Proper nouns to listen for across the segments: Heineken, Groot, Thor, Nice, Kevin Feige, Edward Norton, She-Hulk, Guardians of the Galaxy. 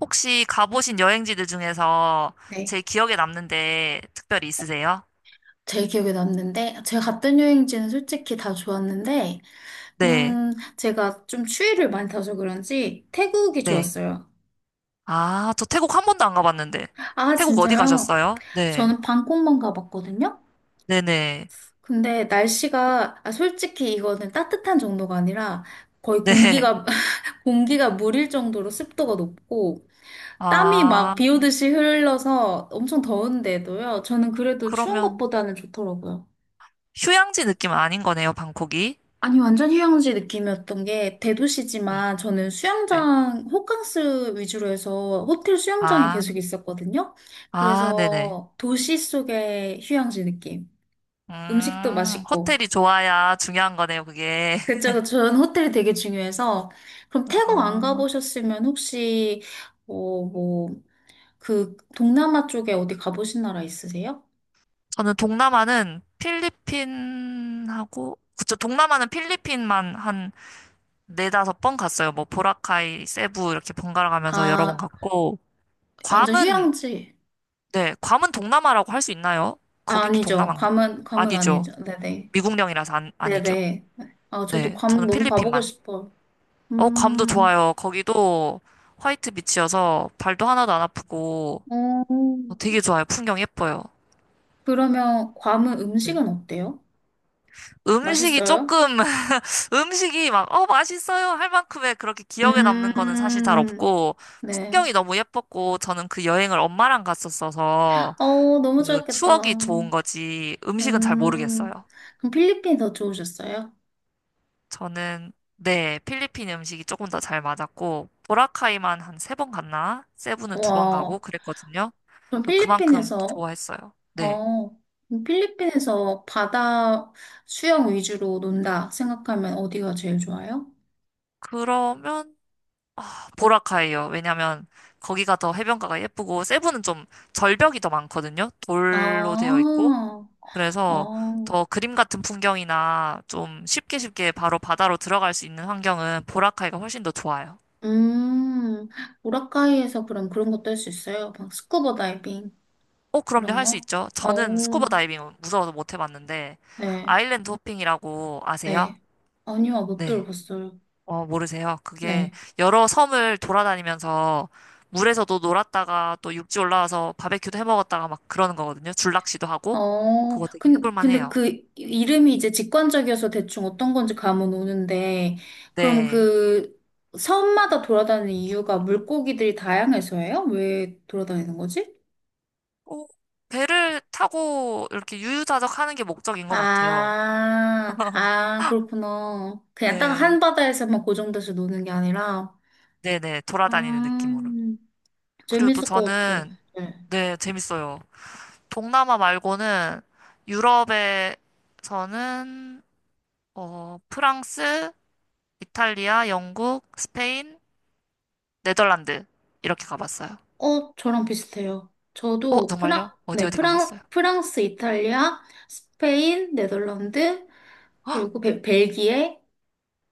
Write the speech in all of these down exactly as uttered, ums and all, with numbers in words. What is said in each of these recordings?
혹시 가보신 여행지들 중에서 네. 제일 기억에 남는데 특별히 있으세요? 제일 기억에 남는데, 제가 갔던 여행지는 솔직히 다 좋았는데, 네, 음, 제가 좀 추위를 많이 타서 그런지 태국이 네. 좋았어요. 아, 저 태국 한 번도 안 가봤는데. 아, 태국 어디 진짜요? 가셨어요? 네, 저는 방콕만 가봤거든요? 네네, 근데 날씨가, 아, 솔직히 이거는 따뜻한 정도가 아니라 거의 네. 공기가, 공기가 물일 정도로 습도가 높고, 땀이 아, 막 비 오듯이 흘러서 엄청 더운데도요. 저는 그래도 추운 그러면 것보다는 좋더라고요. 휴양지 느낌은 아닌 거네요, 방콕이. 아니, 완전 휴양지 느낌이었던 게 음, 대도시지만 저는 네. 수영장, 호캉스 위주로 해서 호텔 수영장에 아, 계속 있었거든요. 아, 네네. 그래서 도시 속의 휴양지 느낌. 음식도 음, 맛있고. 호텔이 좋아야 중요한 거네요, 그게. 그쵸, 그쵸. 저는 호텔이 되게 중요해서. 그럼 태국 안 어, 가보셨으면 혹시, 어, 뭐, 그 동남아 쪽에 어디 가보신 나라 있으세요? 저는 동남아는 필리핀하고, 그쵸, 동남아는 필리핀만 한 네다섯 번 갔어요. 뭐 보라카이, 세부 이렇게 번갈아 가면서 여러 번 아, 갔고 완전 괌은 휴양지. 네, 괌은 동남아라고 할 수 있나요? 아, 거기도 아니죠. 동남아인가? 괌은, 괌은 아니죠. 아니죠. 네네. 미국령이라서 안, 아니죠. 네네. 아, 저도 네, 괌 저는 너무 가보고 필리핀만. 싶어. 어, 괌도 음, 좋아요. 거기도 화이트 비치여서 발도 하나도 안 아프고 어, 어, 되게 좋아요. 풍경 예뻐요. 그러면 괌은 네. 음식은 어때요? 음식이 맛있어요? 조금 음식이 막 어 맛있어요 할 만큼의 그렇게 기억에 남는 거는 사실 잘 음, 없고 네. 풍경이 너무 예뻤고 저는 그 여행을 엄마랑 갔었어서 어, 너무 그 좋았겠다. 추억이 좋은 거지 음식은 잘 음, 모르겠어요. 그럼 필리핀 더 좋으셨어요? 저는 네, 필리핀 음식이 조금 더 잘 맞았고 보라카이만 한 세 번 갔나? 세부는 두 번 가고 와, 그랬거든요. 그럼 그만큼 필리핀에서, 좋아했어요. 네. 어, 그럼 필리핀에서 바다 수영 위주로 논다 생각하면 어디가 제일 좋아요? 그러면 보라카이요. 왜냐면 거기가 더 해변가가 예쁘고 세부는 좀 절벽이 더 많거든요. 돌로 되어 있고 아, 그래서 어. 더 그림 같은 풍경이나 좀 쉽게 쉽게 바로 바다로 들어갈 수 있는 환경은 보라카이가 훨씬 더 좋아요. 음, 우라카이에서 그럼 그런 것도 할 수 있어요? 막 스쿠버 다이빙, 어, 그럼요. 이런 할 수 거? 있죠. 저는 스쿠버 어우, 다이빙 무서워서 못 해봤는데, 네, 아일랜드 호핑이라고 아세요? 네. 아니요, 못 네. 들어봤어요. 어, 모르세요. 그게 네. 여러 섬을 돌아다니면서 물에서도 놀았다가 또 육지 올라와서 바베큐도 해 먹었다가 막 그러는 거거든요. 줄낚시도 하고. 어, 그거 되게 근, 해볼만 근데 해요. 그 이름이 이제 직관적이어서 대충 어떤 건지 감은 오는데, 그럼 네. 그 섬마다 돌아다니는 이유가 물고기들이 다양해서예요? 왜 돌아다니는 거지? 어, 배를 타고 이렇게 유유자적 하는 게 목적인 것 같아요. 아, 아, 그렇구나. 그냥 딱 네. 한바다에서만 고정돼서 노는 게 아니라, 네네. 돌아다니는 느낌으로. 음, 그리고 또 재밌을 것 같아요. 저는, 네. 네, 재밌어요. 동남아 말고는 유럽에서는 어, 프랑스, 이탈리아, 영국, 스페인, 네덜란드 이렇게 가봤어요. 어, 저랑 비슷해요. 어, 저도 프랑, 정말요? 어디 네, 어디 프랑, 가셨어요? 프랑스, 이탈리아, 스페인, 네덜란드, 헉, 그리고 벨, 벨기에,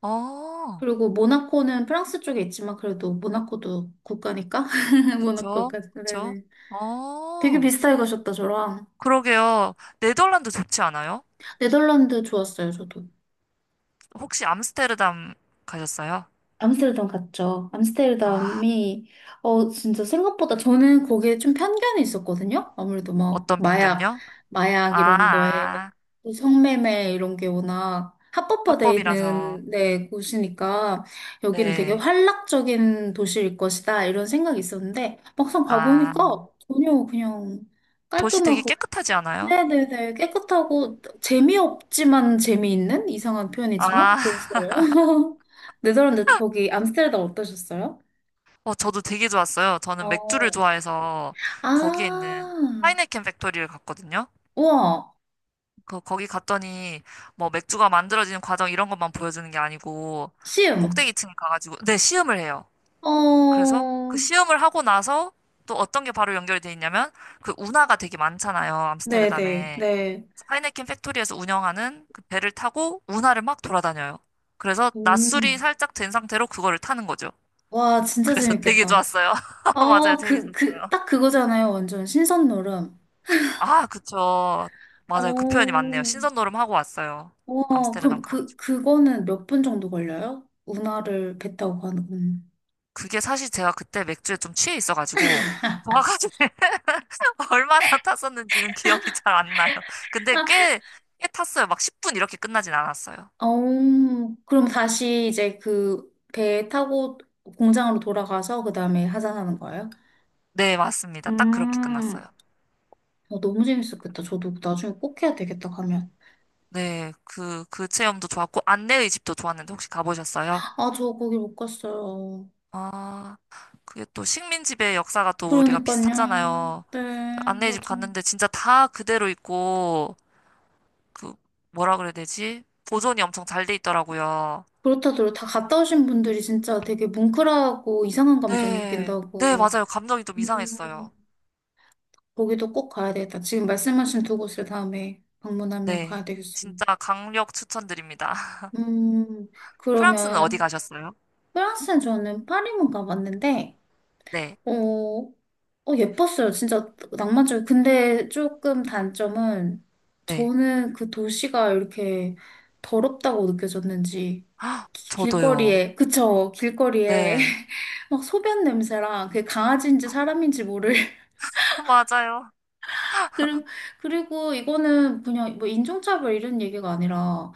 어, 그리고 모나코는 프랑스 쪽에 있지만 그래도 모나코도 국가니까. 그쵸, 모나코까지. 그쵸. 네네. 되게 어, 비슷하게 가셨다, 저랑. 그러게요. 네덜란드 좋지 않아요? 네덜란드 좋았어요, 저도. 혹시 암스테르담 가셨어요? 암스테르담 갔죠. 아, 암스테르담이, 어, 진짜 생각보다 저는 거기에 좀 편견이 있었거든요. 아무래도 막, 어떤 마약, 편견요? 아, 마약 이런 거에, 아, 또 성매매 이런 게 워낙 합법화되어 합법이라서. 있는 네, 곳이니까, 여기는 되게 네. 활락적인 도시일 것이다, 이런 생각이 있었는데, 막상 아, 가보니까 전혀 그냥 도시 되게 깔끔하고, 깨끗하지 않아요? 네네네. 깨끗하고 재미없지만 재미있는 이상한 표현이지만 아, 그랬어요. 네덜란드 거기 암스테르담 어떠셨어요? 어, 저도 되게 좋았어요. 저는 맥주를 어. 좋아해서 거기에 있는 아, 하이네켄 팩토리를 갔거든요. 우와, 그, 거기 갔더니 뭐 맥주가 만들어지는 과정 이런 것만 보여주는 게 아니고 시음. 꼭대기층에 가가지고 네, 시음을 해요. 어, 그래서 그 시음을 하고 나서 또 어떤 게 바로 연결이 돼 있냐면 그 운하가 되게 많잖아요. 네네, 암스테르담에. 네. 하이네켄 팩토리에서 운영하는 그 배를 타고 운하를 막 돌아다녀요. 그래서 낮술이 음. 살짝 된 상태로 그거를 타는 거죠. 와, 진짜 그래서 되게 재밌겠다. 좋았어요. 맞아요. 아, 그, 그, 재밌었어요. 딱 그거잖아요. 완전 신선놀음. 아, 그쵸. 맞아요. 그 표현이 어, 맞네요. 신선놀음 하고 왔어요. 와, 암스테르담 그럼 그, 가가지고. 그거는 몇 분 정도 걸려요? 운하를 배 타고 가는 건. 그게 사실 제가 그때 맥주에 좀 취해 있어가지고, 정확하게 얼마나 탔었는지는 기억이 잘 안 나요. 근데 꽤, 꽤 탔어요. 막 십 분 이렇게 끝나진 않았어요. 어, 그럼 다시 이제 그 배 타고 공장으로 돌아가서 그 다음에 하산하는 거예요? 네, 맞습니다. 딱 그렇게 끝났어요. 음, 어, 너무 재밌었겠다. 저도 나중에 꼭 해야 되겠다, 가면. 네, 그, 그 체험도 좋았고, 안내의 집도 좋았는데 혹시 가보셨어요? 아, 저 거기 못 갔어요. 아, 그게 또 식민지배 역사가 또 우리가 그러니까요. 비슷하잖아요. 그 네, 안내의 집 맞아. 갔는데 진짜 다 그대로 있고, 그 뭐라 그래야 되지? 보존이 엄청 잘 돼 있더라고요. 그렇다더라. 다 갔다 오신 분들이 진짜 되게 뭉클하고 이상한 감정 네. 네, 느낀다고. 맞아요. 감정이 좀 음, 이상했어요. 거기도 꼭 가야 되겠다. 지금 말씀하신 두 곳을 다음에 방문하면 네. 가야 되겠어요. 진짜 강력 추천드립니다. 음, 프랑스는 어디 그러면 가셨어요? 프랑스는 저는 파리만 가봤는데, 네. 어, 어, 예뻤어요. 진짜 낭만적이고. 근데 조금 단점은 네. 저는 그 도시가 이렇게 더럽다고 느껴졌는지, 기- 저도요. 길거리에, 그쵸, 길거리에 네. 막 소변 냄새랑 그게 강아지인지 사람인지 모를. 맞아요. 그리고, 그리고 이거는 그냥 뭐 인종차별 이런 얘기가 아니라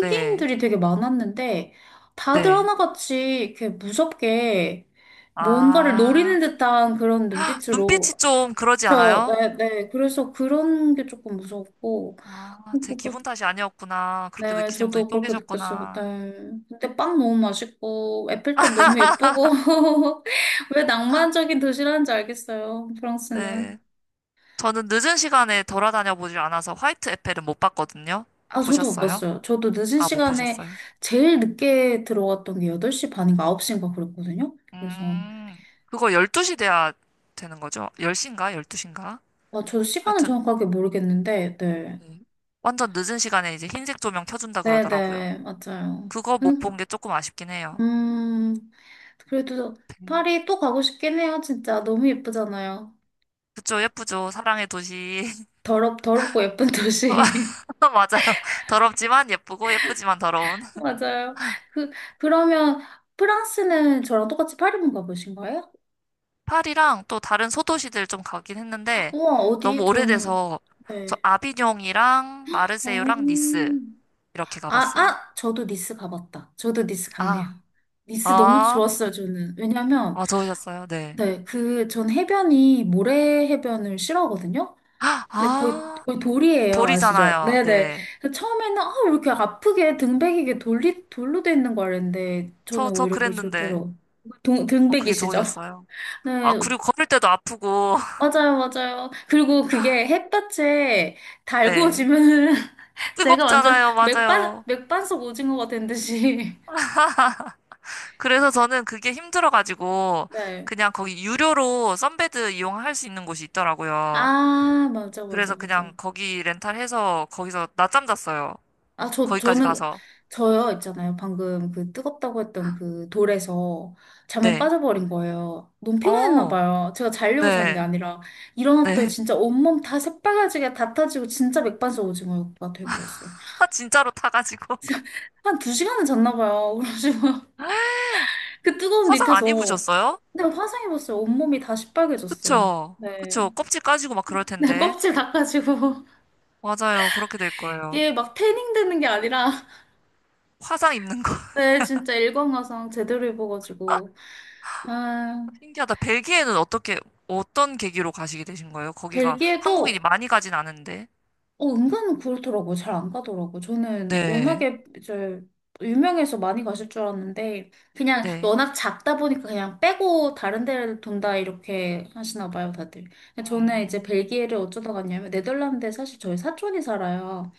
네. 되게 많았는데, 다들 네. 하나같이 이렇게 무섭게 뭔가를 아, 노리는 듯한 그런 눈빛으로. 눈빛이 좀 그러지 저, 않아요? 네, 네. 그래서 그런 게 조금 무서웠고. 아, 제 그거- 기분 탓이 아니었구나. 그렇게 네, 느끼신 분이 저도 또 그렇게 느꼈어요. 계셨구나. 네. 근데 빵 너무 맛있고, 에펠탑 너무 예쁘고. 왜 낭만적인 도시라는지 알겠어요, 프랑스는. 네. 저는 늦은 시간에 돌아다녀 보질 않아서 화이트 에펠은 못 봤거든요. 아, 저도 못 보셨어요? 봤어요. 저도 늦은 아, 못 시간에 보셨어요? 제일 늦게 들어갔던 게 여덟 시 반인가 아홉 시인가 그랬거든요. 그래서, 음, 그거 열두 시 돼야 되는 거죠? 열 시인가? 열두 시인가? 아, 저도 시간은 하여튼, 정확하게 모르겠는데, 네. 네. 완전 늦은 시간에 이제 흰색 조명 켜준다 그러더라고요. 네네, 맞아요. 그거 못 본 음. 게 조금 아쉽긴 해요. 음, 그래도 음. 파리 또 가고 싶긴 해요, 진짜. 너무 예쁘잖아요. 그쵸, 예쁘죠? 사랑의 도시. 더럽, 더럽고 예쁜 도시. 맞아요. 더럽지만 예쁘고, 예쁘지만 더러운. 맞아요. 그, 그러면 프랑스는 저랑 똑같이 파리만 가보신 거예요? 파리랑 또 다른 소도시들 좀 가긴 했는데, 우와, 너무 어디? 저는, 오래돼서, 저 네. 아비뇽이랑 어, 마르세유랑 니스, 이렇게 아, 가봤어요. 아, 저도 니스 가봤다. 저도 니스 갔네요. 아, 니스 너무 아, 좋았어요, 저는. 왜냐면, 아, 좋으셨어요? 네. 네, 그, 전 해변이 모래 해변을 싫어하거든요? 네, 거의, 아, 거의 돌이에요. 아시죠? 볼이잖아요. 네네. 네. 그래서 처음에는, 아, 왜 이렇게 아프게 등백이게 돌리, 돌로 돼 있는 거 알았는데, 저, 저는 저 오히려 그게 그랬는데, 좋더라고요. 동, 어, 그게 등백이시죠? 좋으셨어요. 아, 네, 그리고 걸을 때도 아프고, 맞아요, 맞아요. 그리고 그게 햇볕에 네. 달구어지면은, 제가 완전 뜨겁잖아요. 맥반, 맞아요. 맥반석 오징어가 된 듯이. 그래서 저는 그게 힘들어가지고, 네. 그냥 거기 유료로 선베드 이용할 수 있는 곳이 있더라고요. 아, 맞아, 맞아, 그래서 맞아. 그냥 거기 렌탈해서 거기서 낮잠 잤어요. 아, 저, 거기까지 저는, 가서. 저요, 있잖아요. 방금 그 뜨겁다고 했던 그 돌에서 잠에 네. 빠져버린 거예요. 너무 피곤했나 어, 봐요. 제가 자려고 잔 게 네. 아니라 일어났더니 네. 진짜 온몸 다 새빨개지게 다 타지고 진짜 맥반석 오징어가 돼버렸어요. 아, 진짜로 타가지고. 한 두 시간은 잤나 봐요. 그러시고 그 뜨거운 화상 안 밑에서 입으셨어요? 근데 화상 입었어요. 온몸이 다 시뻘개졌어요. 그쵸. 네. 그쵸. 껍질 까지고 막 그럴 네, 텐데. 껍질 닦아지고 맞아요. 그렇게 될 거예요. 이게 막 태닝 되는 게 아니라 화상 입는 거. 네, 진짜 일광화상 제대로 입어가지고 아, 신기하다. 벨기에는 어떻게, 어떤 계기로 가시게 되신 거예요? 거기가 벨기에도 한국인이 많이 가진 않은데. 어, 은근 그렇더라고. 잘 안 가더라고. 저는 네, 워낙에 이제 유명해서 많이 가실 줄 알았는데 그냥 네. 워낙 작다 보니까 그냥 빼고 다른 데를 돈다 이렇게 하시나 봐요, 다들. 근데 저는 이제 음, 벨기에를 어쩌다 갔냐면 네덜란드에 사실 저희 사촌이 살아요.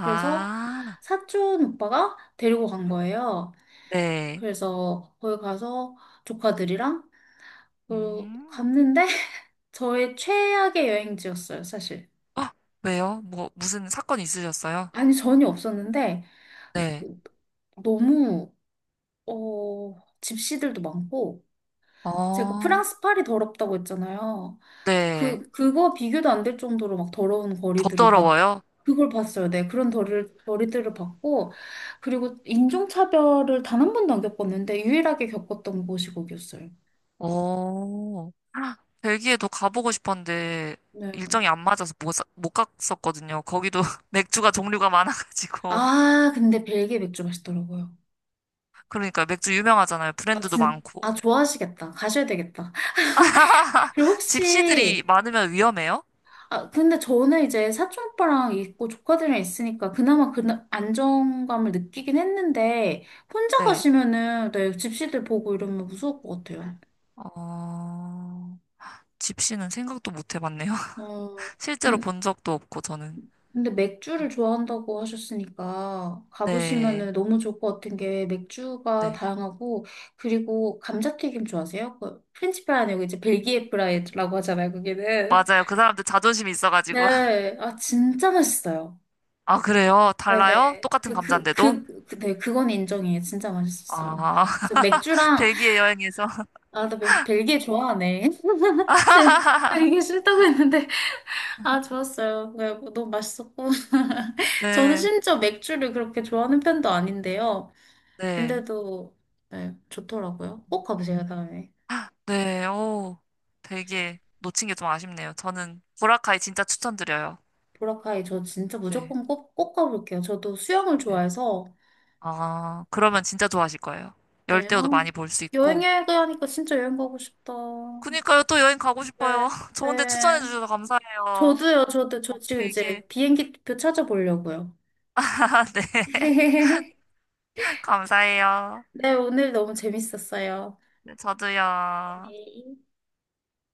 그래서 사촌 오빠가 데리고 간 거예요. 네. 그래서 거기 가서 조카들이랑 그 음, 갔는데 저의 최악의 여행지였어요, 사실. 아, 왜요? 뭐, 무슨 사건 있으셨어요? 아니, 전혀 없었는데, 네. 그- 너무, 어, 집시들도 많고, 제가 어, 프랑스 파리 더럽다고 했잖아요. 네. 그, 그거 비교도 안 될 정도로 막 더러운 거리들을 봤, 더더러워요? 그걸 봤어요. 네, 그런 더리, 거리들을 봤고, 그리고 인종차별을 단 한 번도 안 겪었는데, 유일하게 겪었던 곳이 거기였어요. 오, 아, 벨기에도 가보고 싶었는데, 네. 일정이 안 맞아서 못, 사- 못 갔었거든요. 거기도 맥주가 종류가 많아가지고. 아, 근데 벨기에 맥주 맛있더라고요. 그러니까 맥주 유명하잖아요. 아, 브랜드도 진, 많고. 아, 좋아하시겠다. 가셔야 되겠다. 그리고 집시들이 혹시 많으면 위험해요? 아, 근데 저는 이제 사촌 오빠랑 있고 조카들이랑 있으니까 그나마 그 안정감을 느끼긴 했는데 혼자 네. 가시면은 네, 집시들 보고 이러면 무서울 것 같아요. 어, 집시는 생각도 못 해봤네요. 어, 실제로 근- 본 적도 없고, 저는. 근데 맥주를 좋아한다고 하셨으니까 네, 가보시면은 너무 좋을 것 같은 게 맥주가 네. 다양하고 그리고 감자튀김 좋아하세요? 그 프렌치 프라이 아니고 이제 벨기에 프라이라고 하잖아요, 거기는. 맞아요. 그 사람들 자존심이 있어가지고. 네, 아 진짜 맛있어요. 아, 그래요? 달라요? 네네. 똑같은 그, 그, 감자인데도? 그, 그, 네, 그건 인정이에요. 진짜 맛있었어요. 아, 그래서 맥주랑, 벨기에 여행에서. 아, 나 벨- 벨기에 좋아하네. 네, 벨기에 싫다고 했는데, 아, 좋았어요. 네, 뭐 너무 맛있었고. 저는 네, 심지어 맥주를 그렇게 좋아하는 편도 아닌데요. 네, 근데도, 네, 좋더라고요. 꼭 가보세요, 다음에. 네, 오. 벨기에 놓친 게 좀 아쉽네요. 저는 보라카이 진짜 추천드려요. 보라카이 저 진짜 네, 무조건 꼭, 꼭 가볼게요. 저도 수영을 네. 좋아해서, 아, 그러면 진짜 좋아하실 거예요. 네, 열대어도 어, 많이 볼 수 여행기 있고. 하니까 진짜 여행 가고 싶다. 그니까요, 또 여행 가고 싶어요. 네, 좋은데 추천해 네. 주셔서 감사해요. 저도요, 저도, 저 지금 되게, 이제 비행기 표 찾아보려고요. 네, 감사해요. 네, 오늘 너무 재밌었어요. 네, 저도요.